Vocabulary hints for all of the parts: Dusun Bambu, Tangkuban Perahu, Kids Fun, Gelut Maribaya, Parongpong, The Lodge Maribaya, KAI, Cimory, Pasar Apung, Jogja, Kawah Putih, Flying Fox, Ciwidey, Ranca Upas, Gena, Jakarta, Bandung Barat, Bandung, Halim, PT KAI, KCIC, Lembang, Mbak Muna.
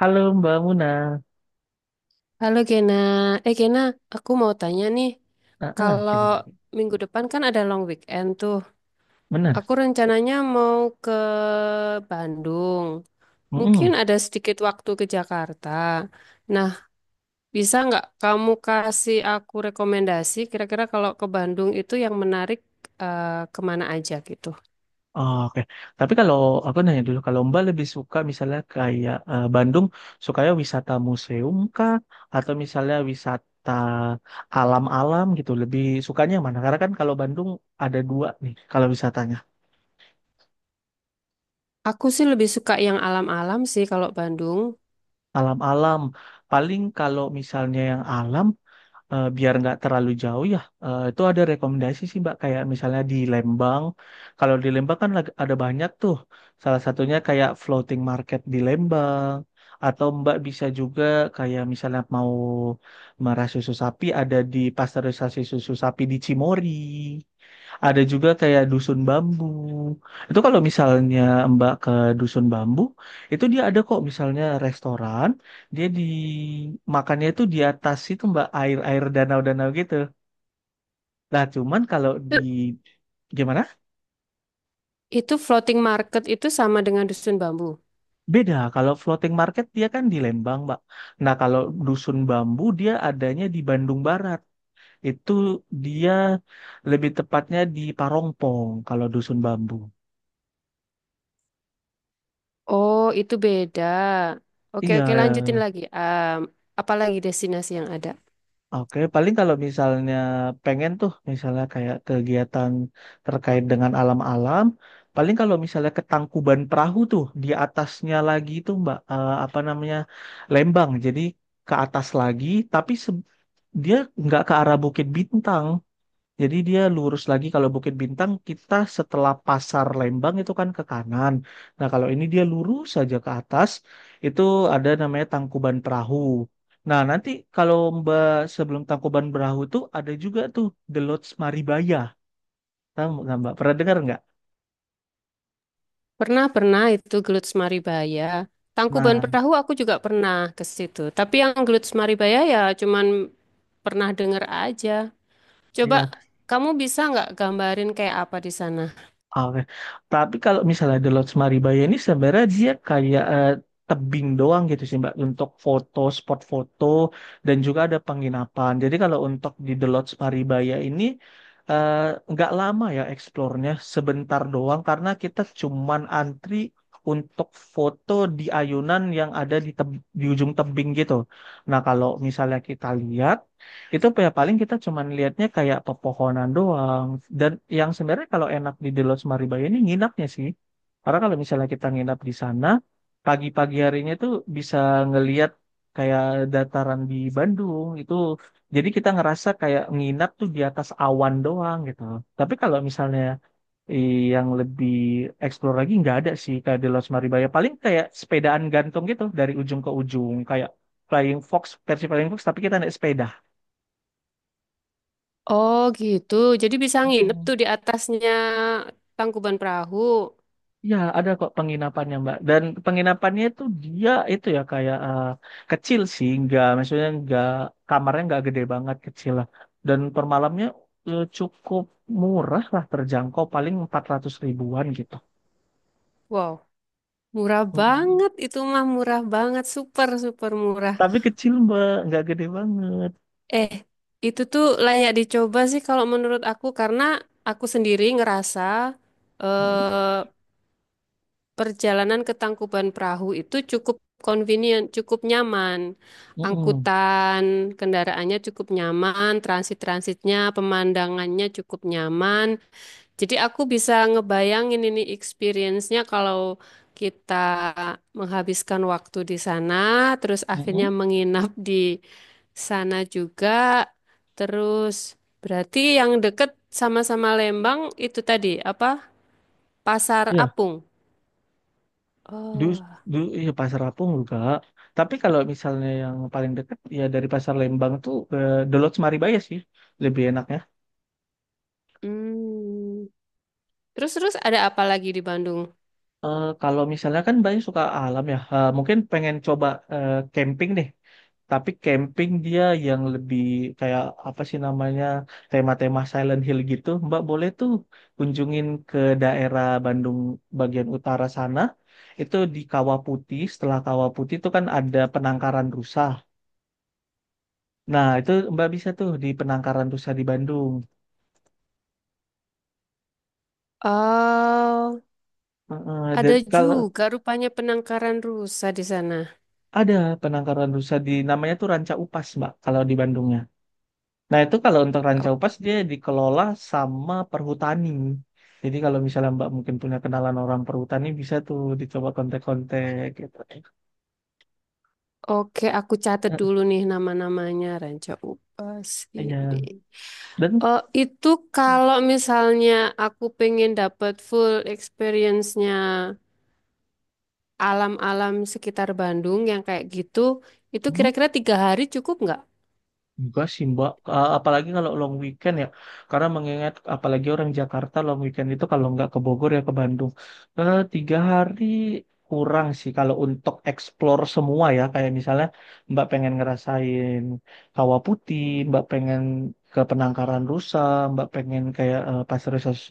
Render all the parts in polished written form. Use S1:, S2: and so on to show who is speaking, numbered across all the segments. S1: Halo Mbak Muna.
S2: Halo Gena, Gena, aku mau tanya nih, kalau
S1: Gimana, gimana.
S2: minggu depan kan ada long weekend tuh,
S1: Benar.
S2: aku rencananya mau ke Bandung, mungkin
S1: Mm-mm.
S2: ada sedikit waktu ke Jakarta. Nah, bisa nggak kamu kasih aku rekomendasi kira-kira kalau ke Bandung itu yang menarik kemana aja gitu?
S1: Oh, Oke. Tapi kalau aku nanya dulu, kalau Mbak lebih suka misalnya kayak Bandung, sukanya wisata museum kah? Atau misalnya wisata alam-alam gitu? Lebih sukanya yang mana? Karena kan kalau Bandung ada dua nih, kalau wisatanya.
S2: Aku sih lebih suka yang alam-alam sih kalau Bandung.
S1: Alam-alam. Paling kalau misalnya yang alam, biar nggak terlalu jauh ya itu ada rekomendasi sih Mbak kayak misalnya di Lembang, kalau di Lembang kan ada banyak tuh, salah satunya kayak floating market di Lembang atau Mbak bisa juga kayak misalnya mau merah susu sapi, ada di pasteurisasi susu sapi di Cimory, ada juga kayak dusun bambu. Itu kalau misalnya Mbak ke dusun bambu, itu dia ada kok misalnya restoran, dia di makannya itu di atas itu Mbak, air-air danau-danau gitu. Nah, cuman kalau di gimana?
S2: Itu floating market itu sama dengan dusun bambu.
S1: Beda. Kalau floating market dia kan di Lembang, Mbak. Nah, kalau dusun bambu dia adanya di Bandung Barat. Itu dia lebih tepatnya di Parongpong kalau dusun bambu.
S2: Oh, itu beda. Oke,
S1: Iya.
S2: oke, lanjutin lagi. Apalagi destinasi yang ada?
S1: Oke, paling kalau misalnya pengen tuh, misalnya kayak kegiatan terkait dengan alam-alam, paling kalau misalnya ke Tangkuban Perahu tuh, di atasnya lagi tuh Mbak, apa namanya, Lembang. Jadi ke atas lagi, tapi dia nggak ke arah Bukit Bintang. Jadi dia lurus lagi, kalau Bukit Bintang kita setelah Pasar Lembang itu kan ke kanan. Nah, kalau ini dia lurus saja ke atas, itu ada namanya Tangkuban Perahu. Nah, nanti kalau Mbak sebelum Tangkuban Perahu tuh ada juga tuh The Lodge Maribaya. Tahu nggak Mbak? Pernah dengar nggak?
S2: Pernah, pernah itu Gelut Maribaya. Tangkuban
S1: Nah,
S2: Perahu aku juga pernah ke situ. Tapi yang Gelut Maribaya ya cuman pernah denger aja. Coba
S1: iya.
S2: kamu bisa nggak gambarin kayak apa di sana?
S1: Oke. Tapi kalau misalnya The Lodge Maribaya ini sebenarnya dia kayak tebing doang gitu sih Mbak untuk foto, spot foto dan juga ada penginapan. Jadi kalau untuk di The Lodge Maribaya ini eh, nggak lama ya, eksplornya sebentar doang karena kita cuman antri untuk foto di ayunan yang ada di, di ujung tebing gitu. Nah kalau misalnya kita lihat itu ya paling kita cuman lihatnya kayak pepohonan doang. Dan yang sebenarnya kalau enak di The Lodge Maribaya ini nginapnya sih. Karena kalau misalnya kita nginap di sana, pagi-pagi harinya tuh bisa ngeliat kayak dataran di Bandung itu. Jadi kita ngerasa kayak nginap tuh di atas awan doang gitu. Tapi kalau misalnya yang lebih explore lagi nggak ada sih kayak The Lodge Maribaya. Paling kayak sepedaan gantung gitu dari ujung ke ujung kayak Flying Fox, versi Flying Fox tapi kita naik sepeda.
S2: Oh gitu, jadi bisa nginep tuh di atasnya Tangkuban Perahu.
S1: Ya ada kok penginapannya, Mbak. Dan penginapannya itu dia itu ya kayak kecil sih, nggak maksudnya nggak kamarnya nggak gede banget, kecil lah. Dan per malamnya cukup murah lah, terjangkau paling 400 ribuan gitu.
S2: Wow, murah
S1: Mm-mm.
S2: banget itu mah murah banget, super super murah.
S1: Tapi kecil, Mbak, nggak gede banget.
S2: Eh, itu tuh layak dicoba sih kalau menurut aku karena aku sendiri ngerasa
S1: Mm-mm.
S2: eh, perjalanan ke Tangkuban Perahu itu cukup convenient, cukup nyaman.
S1: Mm-mm.
S2: Angkutan kendaraannya cukup nyaman, transit-transitnya, pemandangannya cukup nyaman. Jadi aku bisa ngebayangin ini experience-nya kalau kita menghabiskan waktu di sana, terus akhirnya
S1: Mm-mm.
S2: menginap di sana juga. Terus berarti yang deket sama-sama Lembang itu tadi apa? Pasar
S1: Iya,
S2: Apung.
S1: du-
S2: Oh.
S1: iya, Pasar Apung juga. Tapi kalau misalnya yang paling dekat ya dari Pasar Lembang tuh ke The Lodge Maribaya sih, lebih enaknya.
S2: Hmm. Terus terus ada apa lagi di Bandung?
S1: Kalau misalnya kan banyak suka alam ya, mungkin pengen coba camping deh. Tapi camping dia yang lebih kayak apa sih namanya, tema-tema Silent Hill gitu. Mbak boleh tuh kunjungin ke daerah Bandung bagian utara sana. Itu di Kawah Putih. Setelah Kawah Putih itu kan ada penangkaran rusa. Nah itu Mbak bisa tuh di penangkaran rusa di Bandung.
S2: Oh,
S1: Dan
S2: ada
S1: kalau
S2: juga rupanya penangkaran rusa di sana.
S1: ada penangkaran rusa di namanya tuh Ranca Upas Mbak kalau di Bandungnya. Nah, itu kalau untuk
S2: O-
S1: Rancau Pas dia dikelola sama perhutani. Jadi kalau misalnya Mbak mungkin punya kenalan orang perhutani bisa tuh dicoba kontak-kontak gitu.
S2: Oke, aku catat dulu nih nama-namanya Ranca Upas
S1: Iya.
S2: ini.
S1: Dan
S2: Oh, itu kalau misalnya aku pengen dapat full experience-nya alam-alam sekitar Bandung yang kayak gitu, itu
S1: mm,
S2: kira-kira tiga hari cukup nggak?
S1: enggak sih Mbak, apalagi kalau long weekend ya, karena mengingat apalagi orang Jakarta long weekend itu kalau nggak ke Bogor ya ke Bandung. 3 hari kurang sih kalau untuk explore semua ya, kayak misalnya Mbak pengen ngerasain Kawah Putih, Mbak pengen ke Penangkaran Rusa, Mbak pengen kayak Pasir Sos.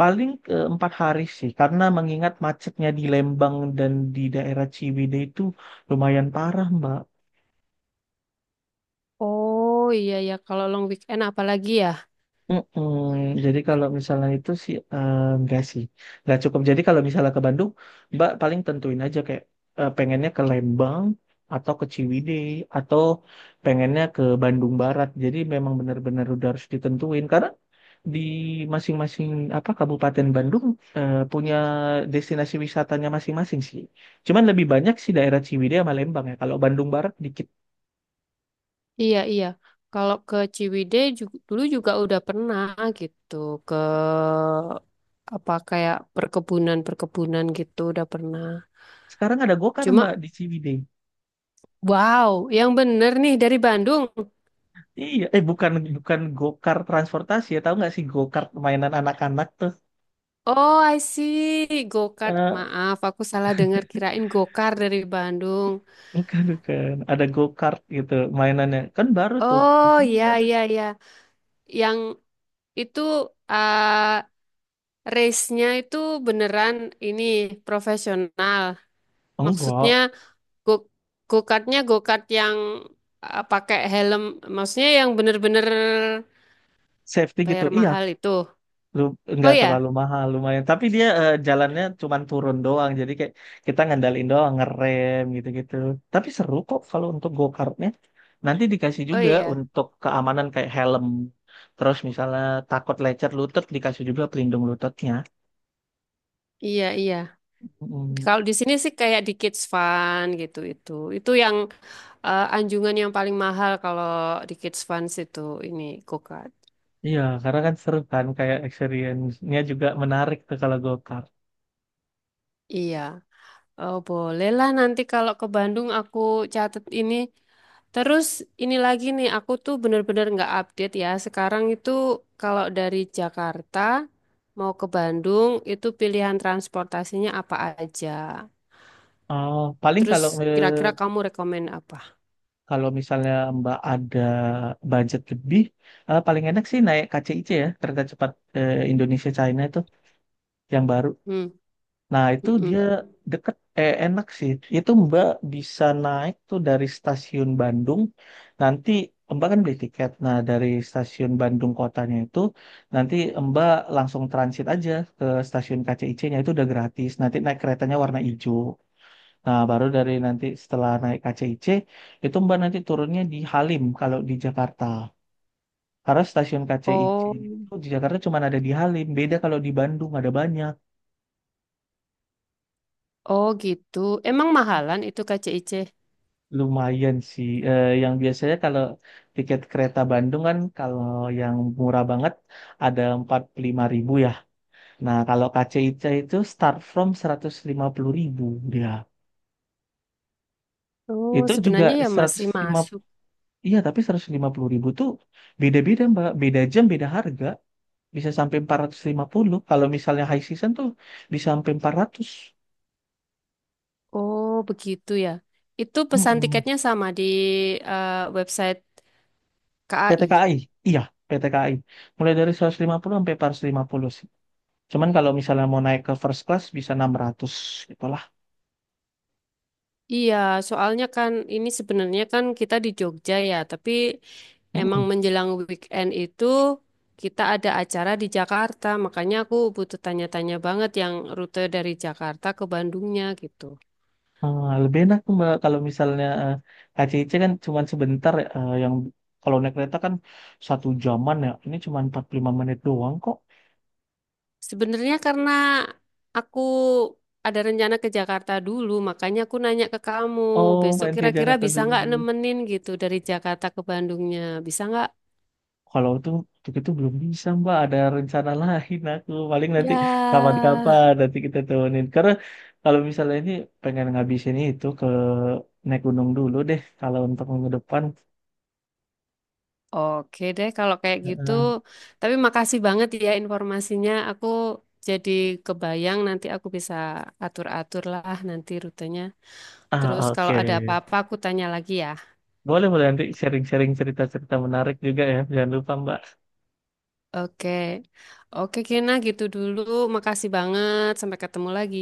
S1: Paling 4 hari sih, karena mengingat macetnya di Lembang dan di daerah Ciwidey itu lumayan parah Mbak.
S2: Oh iya ya, kalau long weekend apalagi ya?
S1: Mm-mm. Jadi kalau misalnya itu sih enggak sih, nggak cukup. Jadi kalau misalnya ke Bandung, Mbak paling tentuin aja kayak pengennya ke Lembang atau ke Ciwidey atau pengennya ke Bandung Barat. Jadi memang benar-benar udah harus ditentuin karena di masing-masing apa Kabupaten Bandung punya destinasi wisatanya masing-masing sih. Cuman lebih banyak sih daerah Ciwidey sama Lembang ya. Kalau Bandung Barat dikit.
S2: Iya iya, kalau ke Ciwidey dulu juga udah pernah gitu ke apa kayak perkebunan-perkebunan gitu udah pernah.
S1: Sekarang ada Gokar Mbak
S2: Cuma
S1: di Ciwidey.
S2: wow, yang bener nih dari Bandung.
S1: Iya, eh bukan bukan go-kart transportasi ya, tahu nggak sih go-kart mainan anak-anak tuh?
S2: Oh I see, go-kart.
S1: Eh
S2: Maaf, aku salah dengar kirain go-kart dari Bandung.
S1: bukan bukan, ada go-kart gitu mainannya, kan baru tuh di
S2: Oh
S1: sana
S2: iya
S1: juga ada.
S2: iya iya. Yang itu eh race-nya itu beneran ini profesional. Maksudnya
S1: Enggak,
S2: go go-kartnya go-kart yang pakai helm, maksudnya yang bener-bener
S1: safety gitu,
S2: bayar
S1: iya,
S2: mahal itu.
S1: lu
S2: Oh
S1: nggak terlalu
S2: ya,
S1: mahal lumayan, tapi dia jalannya cuman turun doang, jadi kayak kita ngandalin doang ngerem gitu-gitu. Tapi seru kok kalau untuk go-kartnya. Nanti dikasih
S2: oh
S1: juga
S2: iya,
S1: untuk keamanan kayak helm, terus misalnya takut lecet lutut dikasih juga pelindung lututnya.
S2: iya iya.
S1: Mm.
S2: Kalau di sini sih kayak di Kids Fun gitu itu. Itu yang anjungan yang paling mahal kalau di Kids Fun itu ini go-kart.
S1: Iya, karena kan seru kan kayak experience-nya juga menarik tuh kalau go-kart.
S2: Iya. Oh, bolehlah nanti kalau ke Bandung aku catat ini. Terus ini lagi nih, aku tuh bener-bener nggak update ya. Sekarang itu kalau dari Jakarta mau ke Bandung itu pilihan transportasinya apa aja.
S1: Oh, paling
S2: Terus
S1: kalau
S2: kira-kira kamu rekomen apa?
S1: kalau misalnya Mbak ada budget lebih, paling enak sih naik KCI-C ya, kereta cepat Indonesia China itu yang baru.
S2: Hmm,
S1: Nah, itu dia
S2: mm-mm.
S1: deket, enak sih. Itu Mbak bisa naik tuh dari stasiun Bandung. Nanti Mbak kan beli tiket. Nah, dari stasiun Bandung kotanya itu, nanti Mbak langsung transit aja ke stasiun KCIC-nya. Itu udah gratis. Nanti naik keretanya warna hijau. Nah, baru dari nanti setelah naik KCIC, itu Mbak nanti turunnya di Halim kalau di Jakarta. Karena stasiun KCIC
S2: Oh,
S1: itu di Jakarta cuma ada di Halim. Beda kalau di Bandung ada banyak.
S2: oh gitu. Emang mahalan itu KCIC?
S1: Lumayan sih. Eh, yang biasanya kalau tiket kereta Bandung kan kalau yang murah banget ada 45 ribu ya. Nah kalau KCIC itu start from 150 ribu dia.
S2: Oh,
S1: Itu juga
S2: sebenarnya ya masih
S1: 150,
S2: masuk.
S1: iya tapi 150 ribu tuh beda-beda Mbak. Beda jam, beda harga. Bisa sampai 450. Kalau misalnya high season tuh bisa sampai 400.
S2: Oh, begitu ya. Itu pesan
S1: Mm-mm.
S2: tiketnya sama di website KAI.
S1: PT KAI, iya PT KAI. Mulai dari 150 sampai 450. Cuman kalau misalnya mau naik ke first class bisa 600 gitulah.
S2: Iya, soalnya kan ini sebenarnya kan kita di Jogja ya, tapi emang
S1: Mm-mm.
S2: menjelang weekend itu kita ada acara di Jakarta, makanya aku butuh tanya-tanya banget yang rute dari Jakarta ke Bandungnya gitu.
S1: Eh, lebih enak tuh Mbak kalau misalnya KCIC kan cuman sebentar ya, yang kalau naik kereta kan satu jaman ya. Ini cuman 45 menit doang kok.
S2: Sebenarnya karena aku ada rencana ke Jakarta dulu, makanya aku nanya ke kamu,
S1: Oh,
S2: besok
S1: main ke
S2: kira-kira
S1: Jakarta
S2: bisa
S1: dulu.
S2: nggak nemenin gitu dari Jakarta ke Bandungnya, bisa nggak?
S1: Kalau itu untuk itu belum bisa Mbak, ada rencana lain aku. Paling nanti kapan-kapan
S2: Ya,
S1: nanti kita temenin. Karena kalau misalnya ini pengen ngabisin itu ke naik gunung dulu deh kalau untuk minggu depan.
S2: oke deh kalau kayak gitu.
S1: Heeh.
S2: Tapi makasih banget ya informasinya. Aku jadi kebayang nanti aku bisa atur-atur lah nanti rutenya. Terus
S1: Ah,
S2: kalau
S1: oke.
S2: ada apa-apa aku tanya lagi ya.
S1: Boleh, boleh nanti sharing-sharing cerita-cerita menarik juga ya. Jangan lupa, Mbak.
S2: Oke. Oke Kena gitu dulu. Makasih banget. Sampai ketemu lagi.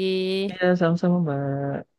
S1: Iya, sama-sama, Mbak.